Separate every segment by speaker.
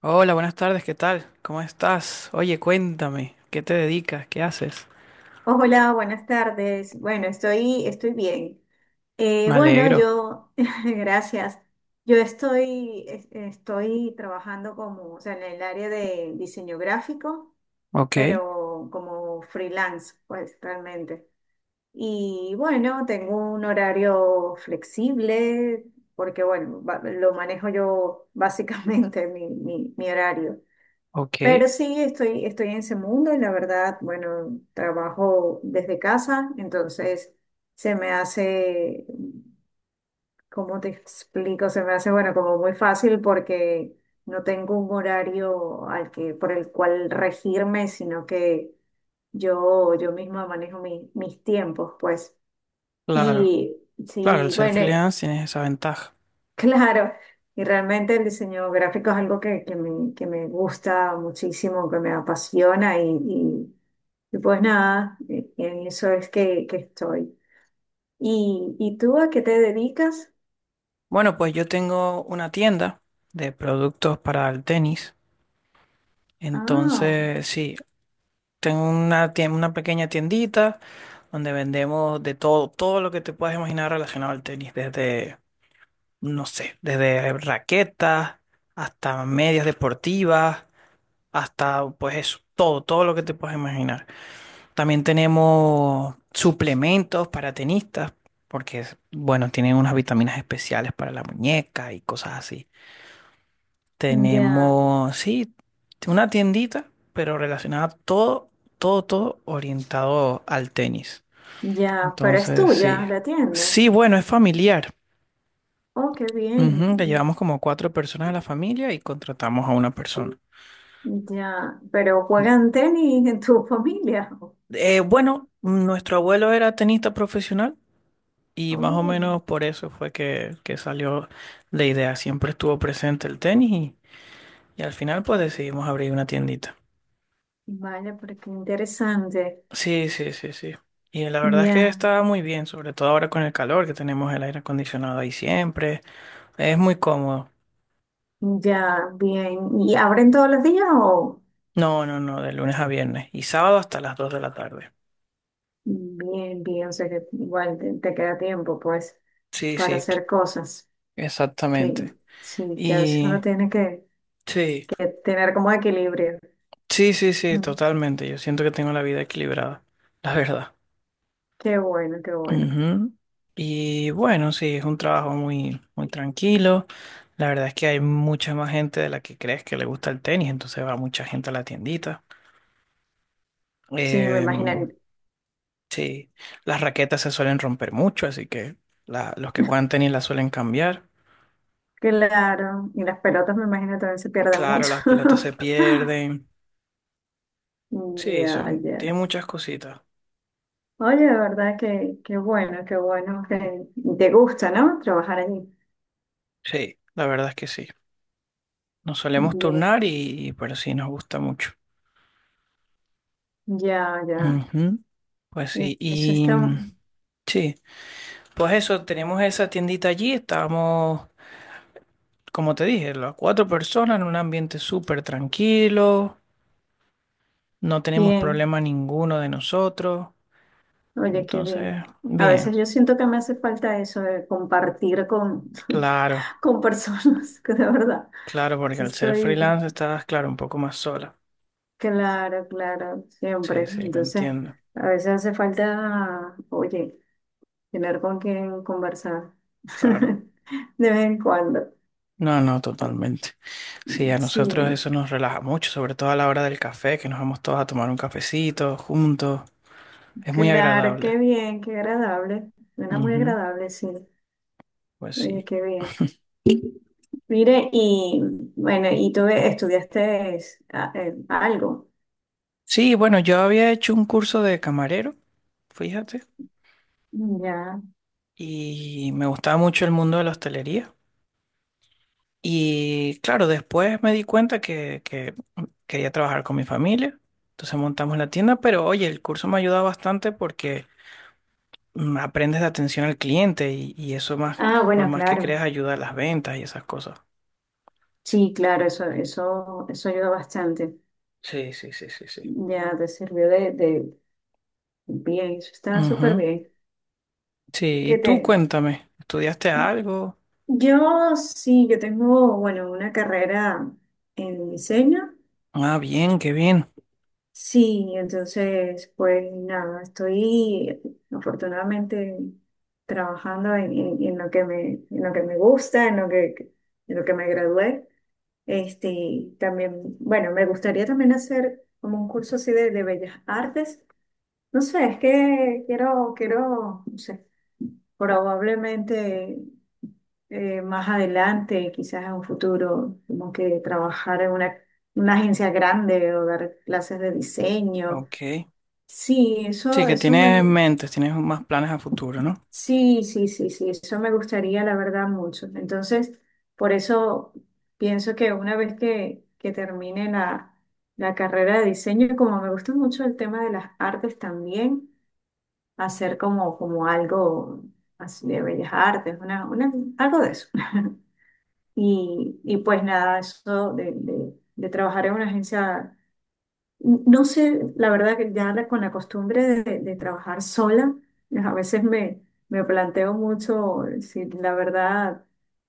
Speaker 1: Hola, buenas tardes, ¿qué tal? ¿Cómo estás? Oye, cuéntame, ¿qué te dedicas? ¿Qué haces?
Speaker 2: Hola, buenas tardes. Bueno, estoy bien.
Speaker 1: Me
Speaker 2: Bueno,
Speaker 1: alegro.
Speaker 2: yo, gracias. Yo estoy trabajando en el área de diseño gráfico,
Speaker 1: Ok,
Speaker 2: pero como freelance, pues realmente. Y bueno, tengo un horario flexible, porque bueno, lo manejo yo básicamente, mi horario. Pero
Speaker 1: ok,
Speaker 2: sí, estoy en ese mundo y la verdad, bueno, trabajo desde casa, entonces se me hace, ¿cómo te explico? Se me hace, bueno, como muy fácil porque no tengo un horario por el cual regirme, sino que yo misma manejo mis tiempos, pues.
Speaker 1: claro.
Speaker 2: Y
Speaker 1: Claro, el
Speaker 2: sí,
Speaker 1: ser
Speaker 2: bueno,
Speaker 1: freelance tiene esa ventaja.
Speaker 2: claro, y realmente el diseño gráfico es algo que me gusta muchísimo, que me apasiona y pues nada, en eso es que estoy. Y tú a qué te dedicas?
Speaker 1: Bueno, pues yo tengo una tienda de productos para el tenis.
Speaker 2: Ah,
Speaker 1: Entonces, sí, tengo una, una pequeña tiendita donde vendemos de todo, todo lo que te puedas imaginar relacionado al tenis, desde, no sé, desde raquetas hasta medias deportivas hasta pues eso, todo, todo lo que te puedes imaginar. También tenemos suplementos para tenistas, porque bueno, tienen unas vitaminas especiales para la muñeca y cosas así.
Speaker 2: ya,
Speaker 1: Tenemos, sí, una tiendita, pero relacionada a todo, todo, todo orientado al tenis.
Speaker 2: ya, pero es
Speaker 1: Entonces, sí.
Speaker 2: tuya la tienda.
Speaker 1: Sí, bueno, es familiar.
Speaker 2: Oh, qué bien.
Speaker 1: Ujú. Le llevamos como 4 personas a la familia y contratamos a una persona.
Speaker 2: Ya, pero juegan tenis en tu familia.
Speaker 1: Bueno, nuestro abuelo era tenista profesional. Y más o
Speaker 2: Oh,
Speaker 1: menos por eso fue que salió la idea. Siempre estuvo presente el tenis y al final pues decidimos abrir una tiendita.
Speaker 2: vale, pero qué interesante.
Speaker 1: Sí, sí, sí, sí. Y la verdad es que
Speaker 2: Ya,
Speaker 1: está muy bien, sobre todo ahora con el calor, que tenemos el aire acondicionado ahí siempre. Es muy cómodo.
Speaker 2: ya, bien. ¿Y abren todos los días o?
Speaker 1: No, no, no, de lunes a viernes y sábado hasta las dos de la tarde.
Speaker 2: Bien, bien, o sea que igual te, te queda tiempo pues
Speaker 1: Sí,
Speaker 2: para
Speaker 1: sí,
Speaker 2: hacer cosas. Que,
Speaker 1: exactamente.
Speaker 2: sí, que a veces uno
Speaker 1: Y
Speaker 2: tiene
Speaker 1: sí,
Speaker 2: que tener como equilibrio.
Speaker 1: sí, sí, sí,
Speaker 2: Mm.
Speaker 1: totalmente. Yo siento que tengo la vida equilibrada, la verdad.
Speaker 2: Qué bueno, qué bueno.
Speaker 1: Ujú. Y bueno, sí, es un trabajo muy, muy tranquilo. La verdad es que hay mucha más gente de la que crees que le gusta el tenis, entonces va mucha gente a la tiendita.
Speaker 2: Sí, me
Speaker 1: Em,
Speaker 2: imagino,
Speaker 1: sí, las raquetas se suelen romper mucho, así que los que juegan tenis las suelen cambiar.
Speaker 2: claro. Y las pelotas me imagino también se pierden
Speaker 1: Claro,
Speaker 2: mucho.
Speaker 1: las pelotas se pierden. Sí,
Speaker 2: Ya,
Speaker 1: son, tiene
Speaker 2: ya.
Speaker 1: muchas cositas.
Speaker 2: Oye, de verdad que qué bueno que te gusta, ¿no? Trabajar allí.
Speaker 1: Sí, la verdad es que sí. Nos solemos
Speaker 2: Bien,
Speaker 1: turnar y, pero sí nos gusta mucho.
Speaker 2: ya, ya.
Speaker 1: Ujú. Pues sí,
Speaker 2: Eso
Speaker 1: y
Speaker 2: está
Speaker 1: sí. Pues eso, tenemos esa tiendita allí, estábamos, como te dije, las cuatro personas en un ambiente súper tranquilo, no tenemos
Speaker 2: bien.
Speaker 1: problema ninguno de nosotros,
Speaker 2: Oye, qué bien.
Speaker 1: entonces,
Speaker 2: A veces
Speaker 1: bien,
Speaker 2: yo siento que me hace falta eso de compartir con,
Speaker 1: claro,
Speaker 2: con personas, que de verdad.
Speaker 1: claro, porque
Speaker 2: Sí,
Speaker 1: al ser
Speaker 2: estoy,
Speaker 1: freelance estás, claro, un poco más sola.
Speaker 2: claro, claro,
Speaker 1: Sí,
Speaker 2: siempre.
Speaker 1: sí, lo
Speaker 2: Entonces,
Speaker 1: entiendo,
Speaker 2: a veces hace falta, oye, tener con quien conversar
Speaker 1: claro.
Speaker 2: de vez en cuando.
Speaker 1: No, no, totalmente. Sí, a
Speaker 2: Sí,
Speaker 1: nosotros eso nos relaja mucho, sobre todo a la hora del café, que nos vamos todos a tomar un cafecito juntos, es muy
Speaker 2: claro, qué
Speaker 1: agradable.
Speaker 2: bien, qué agradable. Suena muy
Speaker 1: Ujú.
Speaker 2: agradable, sí.
Speaker 1: Pues
Speaker 2: Oye,
Speaker 1: sí.
Speaker 2: qué bien. Mire, y bueno, y tú estudiaste ah, algo.
Speaker 1: Sí, bueno, yo había hecho un curso de camarero, fíjate,
Speaker 2: Ya.
Speaker 1: y me gustaba mucho el mundo de la hostelería. Y claro, después me di cuenta que quería trabajar con mi familia, entonces montamos la tienda, pero oye, el curso me ha ayudado bastante porque aprendes de atención al cliente y eso más,
Speaker 2: Ah,
Speaker 1: por
Speaker 2: bueno,
Speaker 1: más que creas,
Speaker 2: claro.
Speaker 1: ayuda a las ventas y esas cosas.
Speaker 2: Sí, claro, eso ayuda bastante.
Speaker 1: Sí, sí, sí, sí, sí.
Speaker 2: Ya te sirvió bien, eso está súper
Speaker 1: Ujú.
Speaker 2: bien.
Speaker 1: Sí, y
Speaker 2: ¿Qué
Speaker 1: tú
Speaker 2: te?
Speaker 1: cuéntame, ¿estudiaste algo?
Speaker 2: Yo sí, yo tengo, bueno, una carrera en diseño.
Speaker 1: Ah, bien, qué bien.
Speaker 2: Sí, entonces, pues nada, estoy afortunadamente trabajando en, en lo que me, en lo que me gusta, en lo que me gradué. Este, también, bueno, me gustaría también hacer como un curso así de bellas artes. No sé, es que no sé, probablemente. Más adelante, quizás en un futuro, como que trabajar en una agencia grande o dar clases de diseño.
Speaker 1: Ok.
Speaker 2: Sí,
Speaker 1: Sí,
Speaker 2: eso,
Speaker 1: que
Speaker 2: eso me,
Speaker 1: tienes mentes, tienes más planes a futuro, ¿no?
Speaker 2: sí, sí, sí, sí, eso me gustaría, la verdad, mucho. Entonces, por eso pienso que una vez que termine la, la carrera de diseño, como me gusta mucho el tema de las artes también, hacer como, como algo así de bellas artes, una, algo de eso. Y, y pues nada, eso de, de trabajar en una agencia, no sé, la verdad que ya con la costumbre de trabajar sola, a veces me, me planteo mucho si la verdad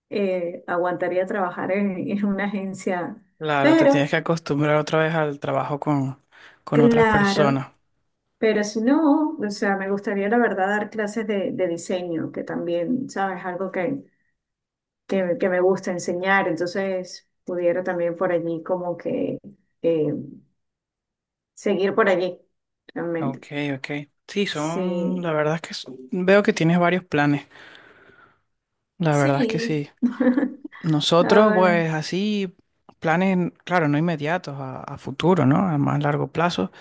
Speaker 2: aguantaría trabajar en una agencia.
Speaker 1: Claro, te tienes
Speaker 2: Pero,
Speaker 1: que acostumbrar otra vez al trabajo con otras
Speaker 2: claro,
Speaker 1: personas.
Speaker 2: pero si no, o sea, me gustaría la verdad dar clases de diseño, que también, ¿sabes? Algo que me gusta enseñar, entonces pudiera también por allí como que eh, seguir por allí, realmente.
Speaker 1: Ok, ok. Sí, son, la
Speaker 2: Sí,
Speaker 1: verdad es que veo que tienes varios planes. La verdad es que
Speaker 2: sí.
Speaker 1: sí. Nosotros,
Speaker 2: Ahora,
Speaker 1: pues así, planes, claro, no inmediatos, a futuro, ¿no? A más largo plazo.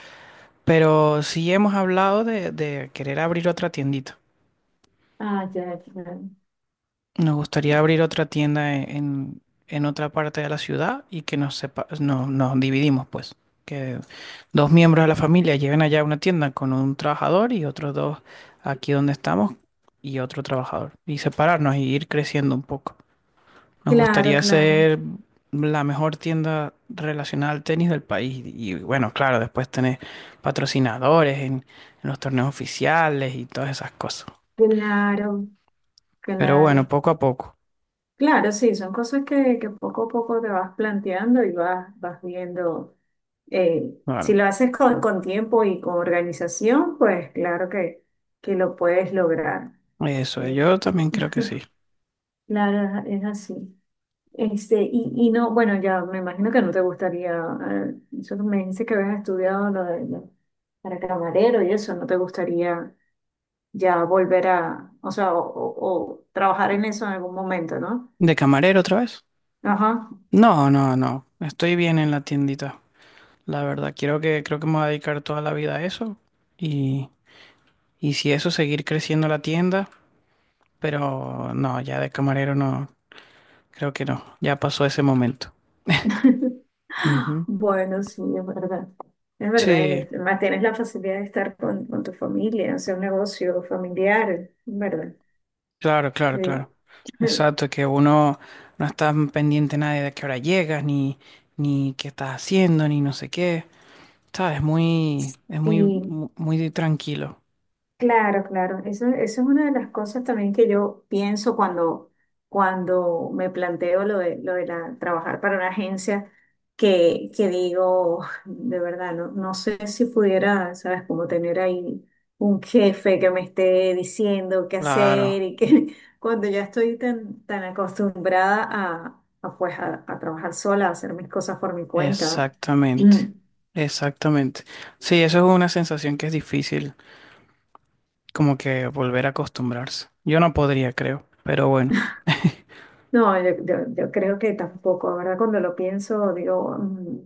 Speaker 1: Pero sí hemos hablado de querer abrir otra tiendita.
Speaker 2: ah, ya, claro.
Speaker 1: Nos gustaría abrir otra tienda en otra parte de la ciudad y que nos sepa, no, nos dividimos, pues. Que dos miembros de la familia lleven allá una tienda con un trabajador y otros dos aquí donde estamos y otro trabajador. Y separarnos y ir creciendo un poco. Nos
Speaker 2: Claro,
Speaker 1: gustaría
Speaker 2: claro,
Speaker 1: ser la mejor tienda relacionada al tenis del país. Y bueno, claro, después tener patrocinadores en los torneos oficiales y todas esas cosas.
Speaker 2: claro,
Speaker 1: Pero bueno,
Speaker 2: claro.
Speaker 1: poco a poco.
Speaker 2: Claro, sí, son cosas que poco a poco te vas planteando y vas, vas viendo. Si
Speaker 1: Claro.
Speaker 2: lo haces con tiempo y con organización, pues claro que lo puedes lograr.
Speaker 1: Eso,
Speaker 2: Eh,
Speaker 1: yo también creo que sí.
Speaker 2: claro, es así. Este, y no, bueno, ya me imagino que no te gustaría, eh, eso que me dices que habías estudiado lo de, para camarero y eso, ¿no te gustaría ya volver a, o sea, o trabajar en eso en algún momento, ¿no?
Speaker 1: ¿De camarero otra vez?
Speaker 2: Ajá.
Speaker 1: No, no, no. Estoy bien en la tiendita. La verdad, quiero que, creo que me voy a dedicar toda la vida a eso. Y, y si eso, seguir creciendo la tienda. Pero no, ya de camarero no. Creo que no. Ya pasó ese momento. Ujú.
Speaker 2: Bueno, sí, es verdad. Es verdad, y
Speaker 1: Sí,
Speaker 2: además tienes la facilidad de estar con tu familia, hacer un negocio familiar, ¿es verdad?
Speaker 1: claro, claro,
Speaker 2: Sí.
Speaker 1: claro. Exacto, que uno no está pendiente nadie de a qué hora llegas, ni, ni qué estás haciendo, ni no sé qué. Sabes, muy, es muy,
Speaker 2: Sí.
Speaker 1: muy tranquilo.
Speaker 2: Claro, claro. Eso es una de las cosas también que yo pienso cuando, cuando me planteo lo de la, trabajar para una agencia, que digo, de verdad, no, no sé si pudiera, ¿sabes? Como tener ahí un jefe que me esté diciendo qué hacer
Speaker 1: Claro,
Speaker 2: y que cuando ya estoy tan, tan acostumbrada a, pues, a trabajar sola, a hacer mis cosas por mi cuenta.
Speaker 1: exactamente, exactamente. Sí, eso es una sensación que es difícil como que volver a acostumbrarse. Yo no podría, creo, pero bueno.
Speaker 2: No, yo, yo creo que tampoco, ¿verdad? Cuando lo pienso, digo, mm,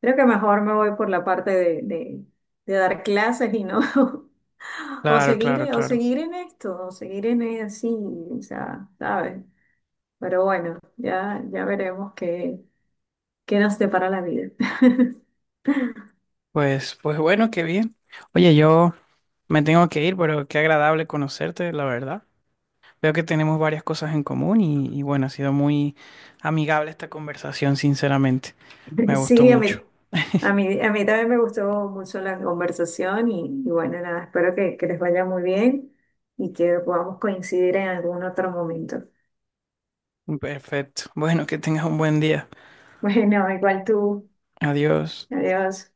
Speaker 2: creo que mejor me voy por la parte de, de dar clases y no,
Speaker 1: Claro, claro,
Speaker 2: o
Speaker 1: claro.
Speaker 2: seguir en esto, o seguir en así, o sea, ¿sabes? Pero bueno, ya, ya veremos qué, qué nos depara la vida.
Speaker 1: Pues, pues bueno, qué bien. Oye, yo me tengo que ir, pero qué agradable conocerte, la verdad. Veo que tenemos varias cosas en común y bueno, ha sido muy amigable esta conversación, sinceramente. Me gustó
Speaker 2: Sí, a
Speaker 1: mucho.
Speaker 2: mí, a mí, a mí también me gustó mucho la conversación y bueno, nada, espero que les vaya muy bien y que podamos coincidir en algún otro momento.
Speaker 1: Perfecto. Bueno, que tengas un buen día.
Speaker 2: Bueno, igual tú.
Speaker 1: Adiós.
Speaker 2: Adiós.